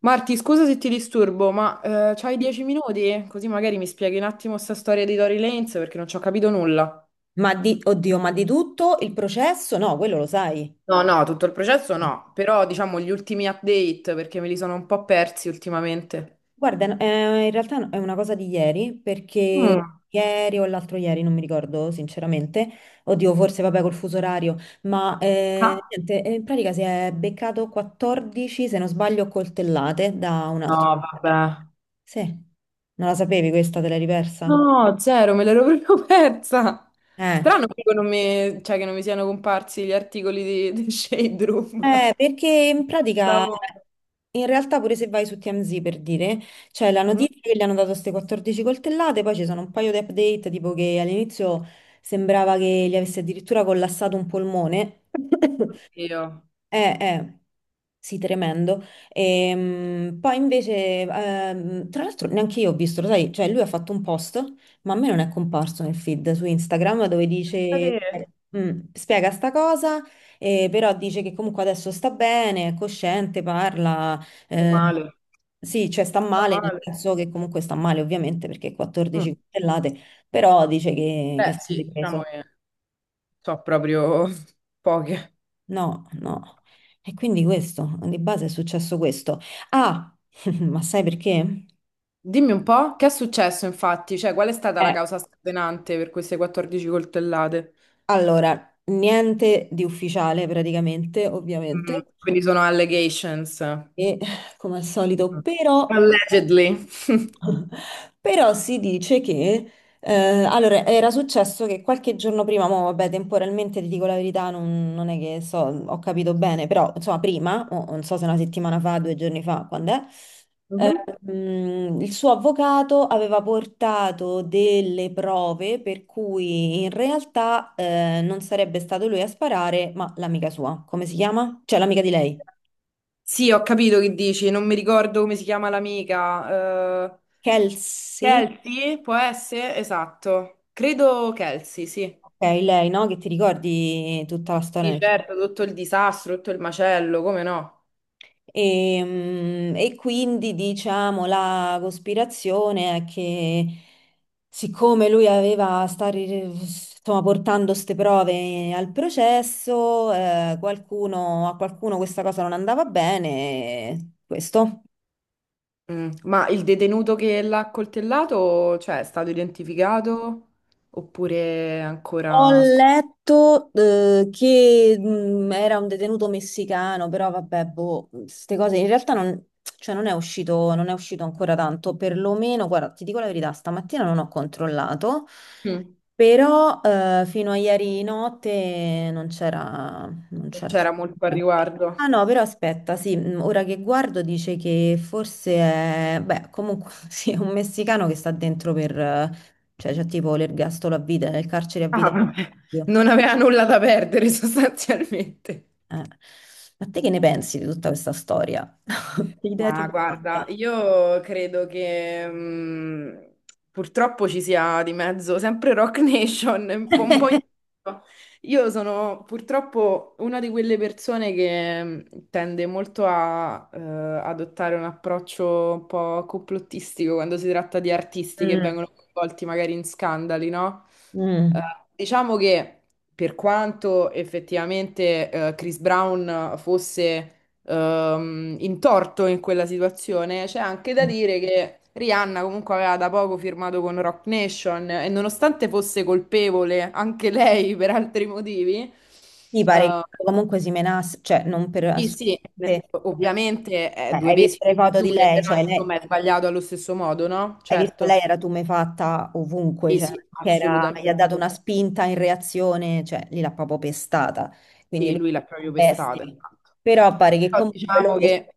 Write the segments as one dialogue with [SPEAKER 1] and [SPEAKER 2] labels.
[SPEAKER 1] Marti, scusa se ti disturbo, ma c'hai 10 minuti? Così magari mi spieghi un attimo sta storia di Tory Lanez perché non ci ho capito nulla.
[SPEAKER 2] Oddio, ma di tutto il processo? No, quello lo sai.
[SPEAKER 1] No, no, tutto il processo no, però diciamo gli ultimi update perché me li sono un po' persi ultimamente.
[SPEAKER 2] Guarda, in realtà è una cosa di ieri, perché
[SPEAKER 1] Mm.
[SPEAKER 2] ieri o l'altro ieri, non mi ricordo sinceramente, oddio, forse vabbè col fuso orario, ma
[SPEAKER 1] Ah.
[SPEAKER 2] niente, in pratica si è beccato 14, se non sbaglio, coltellate da un
[SPEAKER 1] No,
[SPEAKER 2] altro.
[SPEAKER 1] vabbè.
[SPEAKER 2] eh, Sì, non la sapevi questa, te l'hai ripersa?
[SPEAKER 1] No, zero, me l'ero proprio persa.
[SPEAKER 2] Eh,
[SPEAKER 1] Strano Strano. Che non mi, cioè, che non mi siano comparsi gli articoli di Shade Room.
[SPEAKER 2] perché in pratica
[SPEAKER 1] Stavo.
[SPEAKER 2] In realtà pure se vai su TMZ per dire, c'è la
[SPEAKER 1] Mhm.
[SPEAKER 2] notizia che gli hanno dato queste 14 coltellate, poi ci sono un paio di update, tipo che all'inizio sembrava che gli avesse addirittura collassato un polmone.
[SPEAKER 1] Oddio.
[SPEAKER 2] Eh, eh, sì, tremendo. Poi invece, tra l'altro, neanche io ho visto, lo sai, cioè lui ha fatto un post, ma a me non è comparso nel feed su Instagram dove dice,
[SPEAKER 1] Pensa te.
[SPEAKER 2] spiega sta cosa, però dice che comunque adesso sta bene, è cosciente, parla,
[SPEAKER 1] Meno
[SPEAKER 2] eh,
[SPEAKER 1] male.
[SPEAKER 2] sì, cioè sta
[SPEAKER 1] Meno
[SPEAKER 2] male, nel
[SPEAKER 1] male.
[SPEAKER 2] senso che comunque sta male ovviamente perché 14
[SPEAKER 1] Mm.
[SPEAKER 2] coltellate, però dice che
[SPEAKER 1] Beh,
[SPEAKER 2] si è
[SPEAKER 1] sì, diciamo
[SPEAKER 2] ripreso.
[SPEAKER 1] che so proprio poche.
[SPEAKER 2] No, no. E quindi questo, di base è successo questo. Ah, ma sai perché?
[SPEAKER 1] Dimmi un po', che è successo infatti? Cioè, qual è stata la
[SPEAKER 2] Eh,
[SPEAKER 1] causa scatenante per queste 14 coltellate?
[SPEAKER 2] allora, niente di ufficiale praticamente, ovviamente,
[SPEAKER 1] Quindi sono allegations. Mm.
[SPEAKER 2] e come al solito, però,
[SPEAKER 1] Allegedly.
[SPEAKER 2] però si dice che, eh, allora, era successo che qualche giorno prima, mo, vabbè, temporalmente ti dico la verità, non è che so, ho capito bene, però, insomma, prima, o non so se una settimana fa, 2 giorni fa, quando è?
[SPEAKER 1] Mhm.
[SPEAKER 2] Il suo avvocato aveva portato delle prove per cui in realtà non sarebbe stato lui a sparare, ma l'amica sua. Come si chiama? Cioè l'amica di lei.
[SPEAKER 1] Sì, ho capito che dici, non mi ricordo come si chiama l'amica.
[SPEAKER 2] Kelsey?
[SPEAKER 1] Kelsey, può essere? Esatto. Credo Kelsey, sì.
[SPEAKER 2] Ok, lei, no? Che ti ricordi tutta la
[SPEAKER 1] Sì,
[SPEAKER 2] storia?
[SPEAKER 1] certo, tutto il disastro, tutto il macello, come no?
[SPEAKER 2] E quindi diciamo la cospirazione è che siccome lui aveva stare insomma, portando queste prove al processo, a qualcuno questa cosa non andava bene, questo.
[SPEAKER 1] Ma il detenuto che l'ha accoltellato, cioè, è stato identificato oppure
[SPEAKER 2] Ho
[SPEAKER 1] ancora sc-
[SPEAKER 2] letto, che era un detenuto messicano, però vabbè, boh, queste cose in realtà non, cioè non è uscito ancora tanto, perlomeno, guarda, ti dico la verità, stamattina non ho controllato,
[SPEAKER 1] Mm.
[SPEAKER 2] però fino a ieri notte non c'era, non
[SPEAKER 1] Non
[SPEAKER 2] c'era.
[SPEAKER 1] c'era molto a riguardo?
[SPEAKER 2] Ah no, però aspetta, sì, ora che guardo dice che forse è, beh, comunque sì, è un messicano che sta dentro per, cioè, c'è tipo l'ergastolo a vita, nel carcere a vita.
[SPEAKER 1] Ah, vabbè.
[SPEAKER 2] Dio.
[SPEAKER 1] Non aveva nulla da perdere sostanzialmente.
[SPEAKER 2] Eh. Ma te che ne pensi di tutta questa storia? Che idea ti
[SPEAKER 1] Ma
[SPEAKER 2] sei
[SPEAKER 1] guarda,
[SPEAKER 2] fatta?
[SPEAKER 1] io credo che purtroppo ci sia di mezzo sempre Rock Nation, un po'. Io sono purtroppo una di quelle persone che tende molto a adottare un approccio un po' complottistico quando si tratta di artisti che
[SPEAKER 2] Mm,
[SPEAKER 1] vengono coinvolti magari in scandali, no? Eh,
[SPEAKER 2] mm.
[SPEAKER 1] diciamo che per quanto effettivamente Chris Brown fosse in torto in quella situazione, c'è anche da dire che Rihanna comunque aveva da poco firmato con Rock Nation e nonostante fosse colpevole anche lei per altri motivi,
[SPEAKER 2] Ti pare
[SPEAKER 1] eh,
[SPEAKER 2] che comunque si menasse, cioè non per
[SPEAKER 1] sì, sì,
[SPEAKER 2] assolutamente. Cioè,
[SPEAKER 1] ovviamente è due
[SPEAKER 2] hai
[SPEAKER 1] pesi e
[SPEAKER 2] visto le
[SPEAKER 1] due
[SPEAKER 2] foto di
[SPEAKER 1] misure,
[SPEAKER 2] lei,
[SPEAKER 1] però
[SPEAKER 2] cioè lei,
[SPEAKER 1] insomma è sbagliato allo stesso modo, no?
[SPEAKER 2] hai visto
[SPEAKER 1] Certo,
[SPEAKER 2] lei era tumefatta ovunque,
[SPEAKER 1] sì,
[SPEAKER 2] cioè
[SPEAKER 1] sì,
[SPEAKER 2] gli ha
[SPEAKER 1] assolutamente.
[SPEAKER 2] dato una spinta in reazione, cioè lì l'ha proprio pestata, quindi
[SPEAKER 1] Sì,
[SPEAKER 2] lui
[SPEAKER 1] lui l'ha
[SPEAKER 2] la
[SPEAKER 1] proprio pestata.
[SPEAKER 2] bestia.
[SPEAKER 1] Esatto.
[SPEAKER 2] Però pare che
[SPEAKER 1] Però
[SPEAKER 2] comunque
[SPEAKER 1] diciamo
[SPEAKER 2] loro,
[SPEAKER 1] che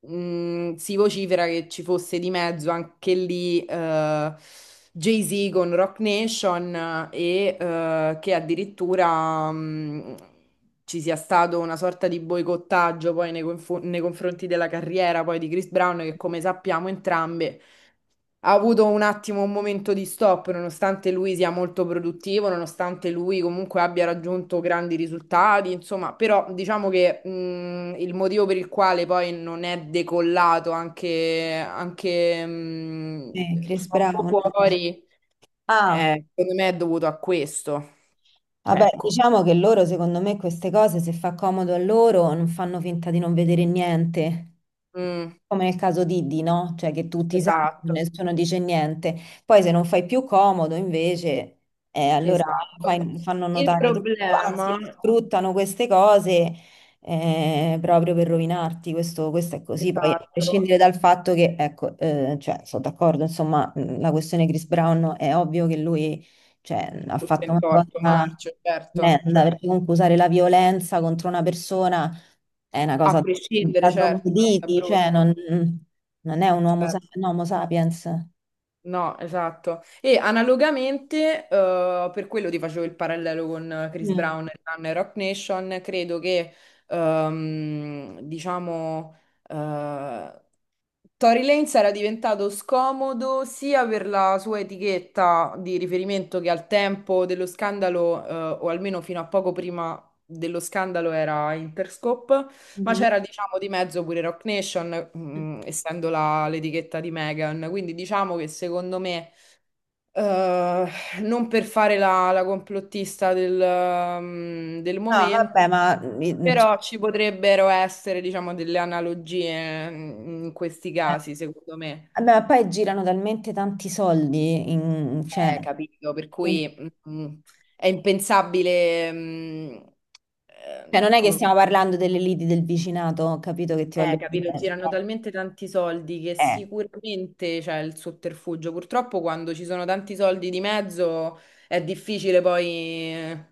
[SPEAKER 1] si vocifera che ci fosse di mezzo anche lì Jay-Z con Rock Nation e che addirittura ci sia stato una sorta di boicottaggio poi nei confronti della carriera poi di Chris Brown che come sappiamo entrambe ha avuto un attimo un momento di stop, nonostante lui sia molto produttivo, nonostante lui comunque abbia raggiunto grandi risultati, insomma, però diciamo che il motivo per il quale poi non è decollato anche
[SPEAKER 2] Chris
[SPEAKER 1] troppo
[SPEAKER 2] Brown.
[SPEAKER 1] fuori,
[SPEAKER 2] Ah.
[SPEAKER 1] secondo me è dovuto a questo.
[SPEAKER 2] Vabbè,
[SPEAKER 1] Ecco.
[SPEAKER 2] diciamo che loro, secondo me, queste cose, se fa comodo a loro, non fanno finta di non vedere niente.
[SPEAKER 1] Mm.
[SPEAKER 2] Come nel caso di Diddy, no? Cioè che tutti sanno,
[SPEAKER 1] Esatto,
[SPEAKER 2] nessuno dice niente. Poi se non fai più comodo, invece, allora
[SPEAKER 1] esatto.
[SPEAKER 2] fanno
[SPEAKER 1] Il
[SPEAKER 2] notare tutto, anzi,
[SPEAKER 1] problema,
[SPEAKER 2] sfruttano queste cose proprio per rovinarti. Questo è così. Poi, a
[SPEAKER 1] esatto,
[SPEAKER 2] prescindere dal fatto che, ecco, cioè, sono d'accordo, insomma, la questione Chris Brown è ovvio che lui cioè, ha
[SPEAKER 1] tutto
[SPEAKER 2] fatto una
[SPEAKER 1] intorno,
[SPEAKER 2] cosa
[SPEAKER 1] marcio, certo,
[SPEAKER 2] tremenda,
[SPEAKER 1] cioè.
[SPEAKER 2] perché comunque usare la violenza contro una persona è una
[SPEAKER 1] A
[SPEAKER 2] cosa
[SPEAKER 1] prescindere,
[SPEAKER 2] da
[SPEAKER 1] certo, è una cosa
[SPEAKER 2] trogloditi, cioè non,
[SPEAKER 1] brutta.
[SPEAKER 2] non è un uomo,
[SPEAKER 1] Certo.
[SPEAKER 2] un homo sapiens.
[SPEAKER 1] No, esatto. E analogamente, per quello ti facevo il parallelo con Chris
[SPEAKER 2] Mm.
[SPEAKER 1] Brown e Nan e Rock Nation, credo che, diciamo, eh, Tory Lanez era diventato scomodo sia per la sua etichetta di riferimento che al tempo dello scandalo, o almeno fino a poco prima dello scandalo era Interscope. Ma
[SPEAKER 2] Mhm.
[SPEAKER 1] c'era, diciamo, di mezzo pure Rock Nation, essendo l'etichetta di Megan. Quindi diciamo che secondo me, eh, non per fare la complottista del
[SPEAKER 2] No,
[SPEAKER 1] momento,
[SPEAKER 2] vabbè, ma, cioè,
[SPEAKER 1] però ci potrebbero essere, diciamo, delle analogie in questi
[SPEAKER 2] eh,
[SPEAKER 1] casi, secondo me.
[SPEAKER 2] vabbè, ma poi girano talmente tanti soldi, cioè,
[SPEAKER 1] Capito, per
[SPEAKER 2] che-
[SPEAKER 1] cui mm, è impensabile,
[SPEAKER 2] cioè, non è che
[SPEAKER 1] come.
[SPEAKER 2] stiamo parlando delle liti del vicinato, ho capito che ti voglio
[SPEAKER 1] Capito,
[SPEAKER 2] dire.
[SPEAKER 1] girano talmente tanti soldi che
[SPEAKER 2] Eh.
[SPEAKER 1] sicuramente c'è il sotterfugio. Purtroppo quando ci sono tanti soldi di mezzo è difficile poi. eh,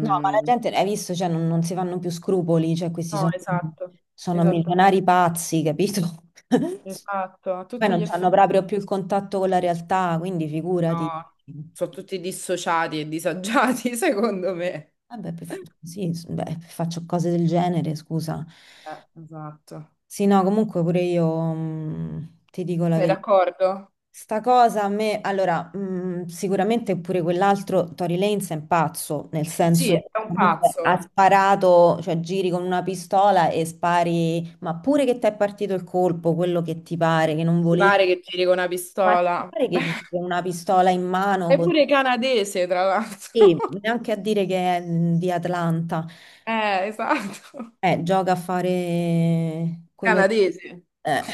[SPEAKER 2] No, ma la gente, hai visto, cioè, non si fanno più scrupoli, cioè, questi
[SPEAKER 1] No,
[SPEAKER 2] sono,
[SPEAKER 1] esatto,
[SPEAKER 2] sono
[SPEAKER 1] esattamente,
[SPEAKER 2] milionari pazzi, capito?
[SPEAKER 1] esatto, a
[SPEAKER 2] Poi
[SPEAKER 1] tutti gli
[SPEAKER 2] non hanno
[SPEAKER 1] effetti.
[SPEAKER 2] proprio più il contatto con la realtà, quindi figurati.
[SPEAKER 1] No, sono tutti dissociati e disagiati, secondo me.
[SPEAKER 2] Vabbè, sì, beh, faccio cose del genere, scusa.
[SPEAKER 1] Esatto.
[SPEAKER 2] Sì, no, comunque pure io, ti dico la
[SPEAKER 1] Sei
[SPEAKER 2] verità.
[SPEAKER 1] d'accordo?
[SPEAKER 2] Sta cosa a me, allora, sicuramente pure quell'altro Tory Lanez è un pazzo, nel
[SPEAKER 1] Sì,
[SPEAKER 2] senso che
[SPEAKER 1] è un
[SPEAKER 2] comunque ha
[SPEAKER 1] pazzo.
[SPEAKER 2] sparato, cioè giri con una pistola e spari, ma pure che ti è partito il colpo, quello che ti pare, che non
[SPEAKER 1] Ti
[SPEAKER 2] volevi,
[SPEAKER 1] pare che giri con una
[SPEAKER 2] ma ti
[SPEAKER 1] pistola?
[SPEAKER 2] pare che
[SPEAKER 1] Vabbè.
[SPEAKER 2] giri con una pistola in mano
[SPEAKER 1] È
[SPEAKER 2] così.
[SPEAKER 1] pure canadese, tra l'altro.
[SPEAKER 2] Sì, neanche a dire che è di Atlanta.
[SPEAKER 1] Esatto.
[SPEAKER 2] Gioca a fare quello,
[SPEAKER 1] Canadese,
[SPEAKER 2] eh.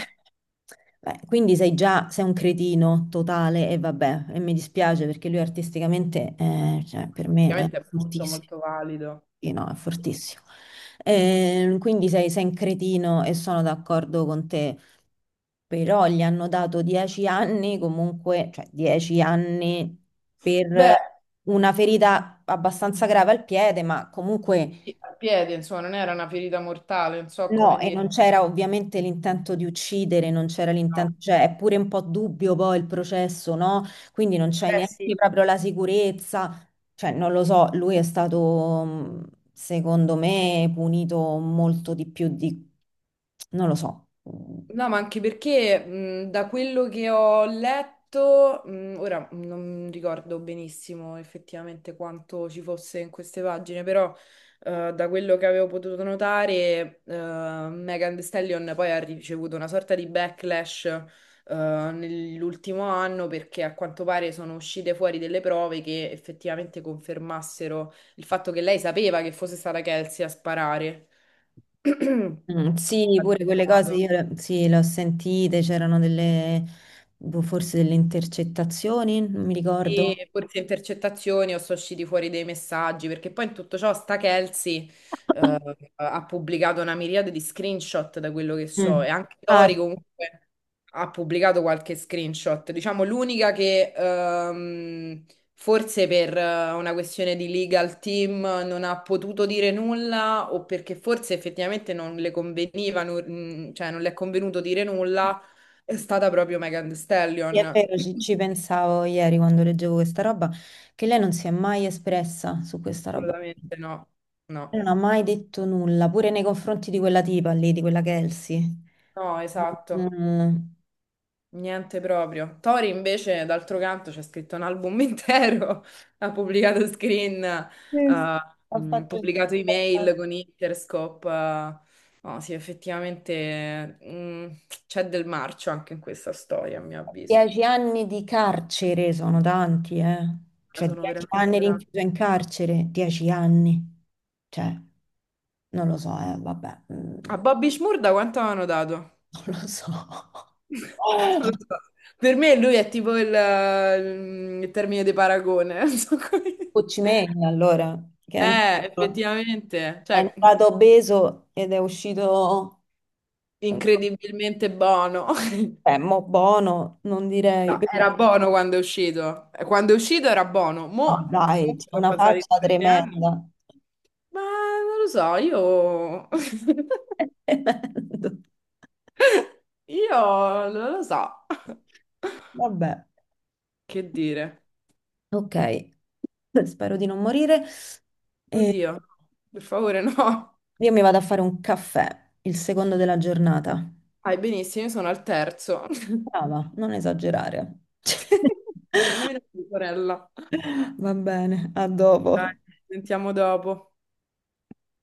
[SPEAKER 2] Beh, quindi sei un cretino totale e vabbè, e mi dispiace perché lui artisticamente, cioè, per me è
[SPEAKER 1] ovviamente è molto
[SPEAKER 2] fortissimo.
[SPEAKER 1] molto valido.
[SPEAKER 2] Sì, no, è fortissimo. Quindi sei un cretino e sono d'accordo con te, però gli hanno dato 10 anni comunque, cioè 10 anni per
[SPEAKER 1] Beh,
[SPEAKER 2] una ferita abbastanza grave al piede, ma comunque.
[SPEAKER 1] sì, al piede, insomma, non era una ferita mortale, non so
[SPEAKER 2] No,
[SPEAKER 1] come
[SPEAKER 2] e
[SPEAKER 1] dire.
[SPEAKER 2] non c'era ovviamente l'intento di uccidere, non c'era
[SPEAKER 1] No.
[SPEAKER 2] l'intento, cioè è pure un po' dubbio poi il processo, no? Quindi non c'hai
[SPEAKER 1] Eh sì,
[SPEAKER 2] neanche proprio la sicurezza, cioè non lo so, lui è stato secondo me punito molto di più di, non lo so. Mm,
[SPEAKER 1] no, ma anche perché da quello che ho letto, ora non ricordo benissimo effettivamente quanto ci fosse in queste pagine, però da quello che avevo potuto notare, Megan Thee Stallion poi ha ricevuto una sorta di backlash nell'ultimo anno perché a quanto pare sono uscite fuori delle prove che effettivamente confermassero il fatto che lei sapeva che fosse stata Kelsey a sparare. In
[SPEAKER 2] mm, sì, pure
[SPEAKER 1] qualche
[SPEAKER 2] quelle cose
[SPEAKER 1] modo.
[SPEAKER 2] io sì, le ho sentite, c'erano delle, boh, forse delle intercettazioni, non mi ricordo.
[SPEAKER 1] Sì, forse intercettazioni o sono usciti fuori dei messaggi, perché poi in tutto ciò sta Kelsey eh, ha pubblicato una miriade di screenshot da quello che so
[SPEAKER 2] Mm.
[SPEAKER 1] e anche
[SPEAKER 2] Ah,
[SPEAKER 1] Tori comunque ha pubblicato qualche screenshot, diciamo l'unica che forse per una questione di legal team non ha potuto dire nulla o perché forse effettivamente non le conveniva, cioè non le è convenuto dire nulla, è stata proprio Megan Thee
[SPEAKER 2] sì, è
[SPEAKER 1] Stallion.
[SPEAKER 2] vero, ci pensavo ieri quando leggevo questa roba, che lei non si è mai espressa su questa roba.
[SPEAKER 1] Assolutamente no,
[SPEAKER 2] Lei
[SPEAKER 1] no,
[SPEAKER 2] non ha mai detto nulla, pure nei confronti di quella tipa lì, di quella Kelsey.
[SPEAKER 1] no, esatto,
[SPEAKER 2] Mm,
[SPEAKER 1] niente proprio. Tori invece, d'altro canto, c'è scritto un album intero, ha pubblicato screen,
[SPEAKER 2] sì, sì.
[SPEAKER 1] eh,
[SPEAKER 2] Ha fatto
[SPEAKER 1] pubblicato email con Interscope. No, sì, effettivamente c'è del marcio anche in questa storia, a mio avviso.
[SPEAKER 2] 10 anni di carcere, sono tanti, eh. Cioè,
[SPEAKER 1] Sono
[SPEAKER 2] dieci
[SPEAKER 1] veramente.
[SPEAKER 2] anni
[SPEAKER 1] Da-
[SPEAKER 2] rinchiuso in carcere, 10 anni. Cioè, non lo so, vabbè,
[SPEAKER 1] A Bobby Shmurda da quanto avevano dato?
[SPEAKER 2] non lo so.
[SPEAKER 1] Non lo so. Per me lui è tipo il termine di paragone. Non so come-
[SPEAKER 2] Ho Chi Minh, allora, che è entrato,
[SPEAKER 1] Effettivamente,
[SPEAKER 2] è
[SPEAKER 1] cioè,
[SPEAKER 2] entrato obeso ed è uscito,
[SPEAKER 1] incredibilmente buono.
[SPEAKER 2] mo buono, non direi,
[SPEAKER 1] No,
[SPEAKER 2] però,
[SPEAKER 1] era buono quando è uscito. Quando è uscito era buono.
[SPEAKER 2] no,
[SPEAKER 1] Mo'
[SPEAKER 2] dai,
[SPEAKER 1] comunque
[SPEAKER 2] c'ha
[SPEAKER 1] sono
[SPEAKER 2] una
[SPEAKER 1] passati
[SPEAKER 2] faccia
[SPEAKER 1] 7 anni.
[SPEAKER 2] tremenda.
[SPEAKER 1] Ma non lo so, io.
[SPEAKER 2] È tremendo.
[SPEAKER 1] Io non lo so.
[SPEAKER 2] Vabbè,
[SPEAKER 1] Che dire?
[SPEAKER 2] ok, spero di non morire. E
[SPEAKER 1] Oddio, per favore, no.
[SPEAKER 2] io mi vado a fare un caffè, il secondo della giornata.
[SPEAKER 1] Vai benissimo, io sono al terzo.
[SPEAKER 2] Brava, non esagerare.
[SPEAKER 1] Nemmeno mia sorella.
[SPEAKER 2] Va bene, a
[SPEAKER 1] Dai,
[SPEAKER 2] dopo.
[SPEAKER 1] ci sentiamo dopo.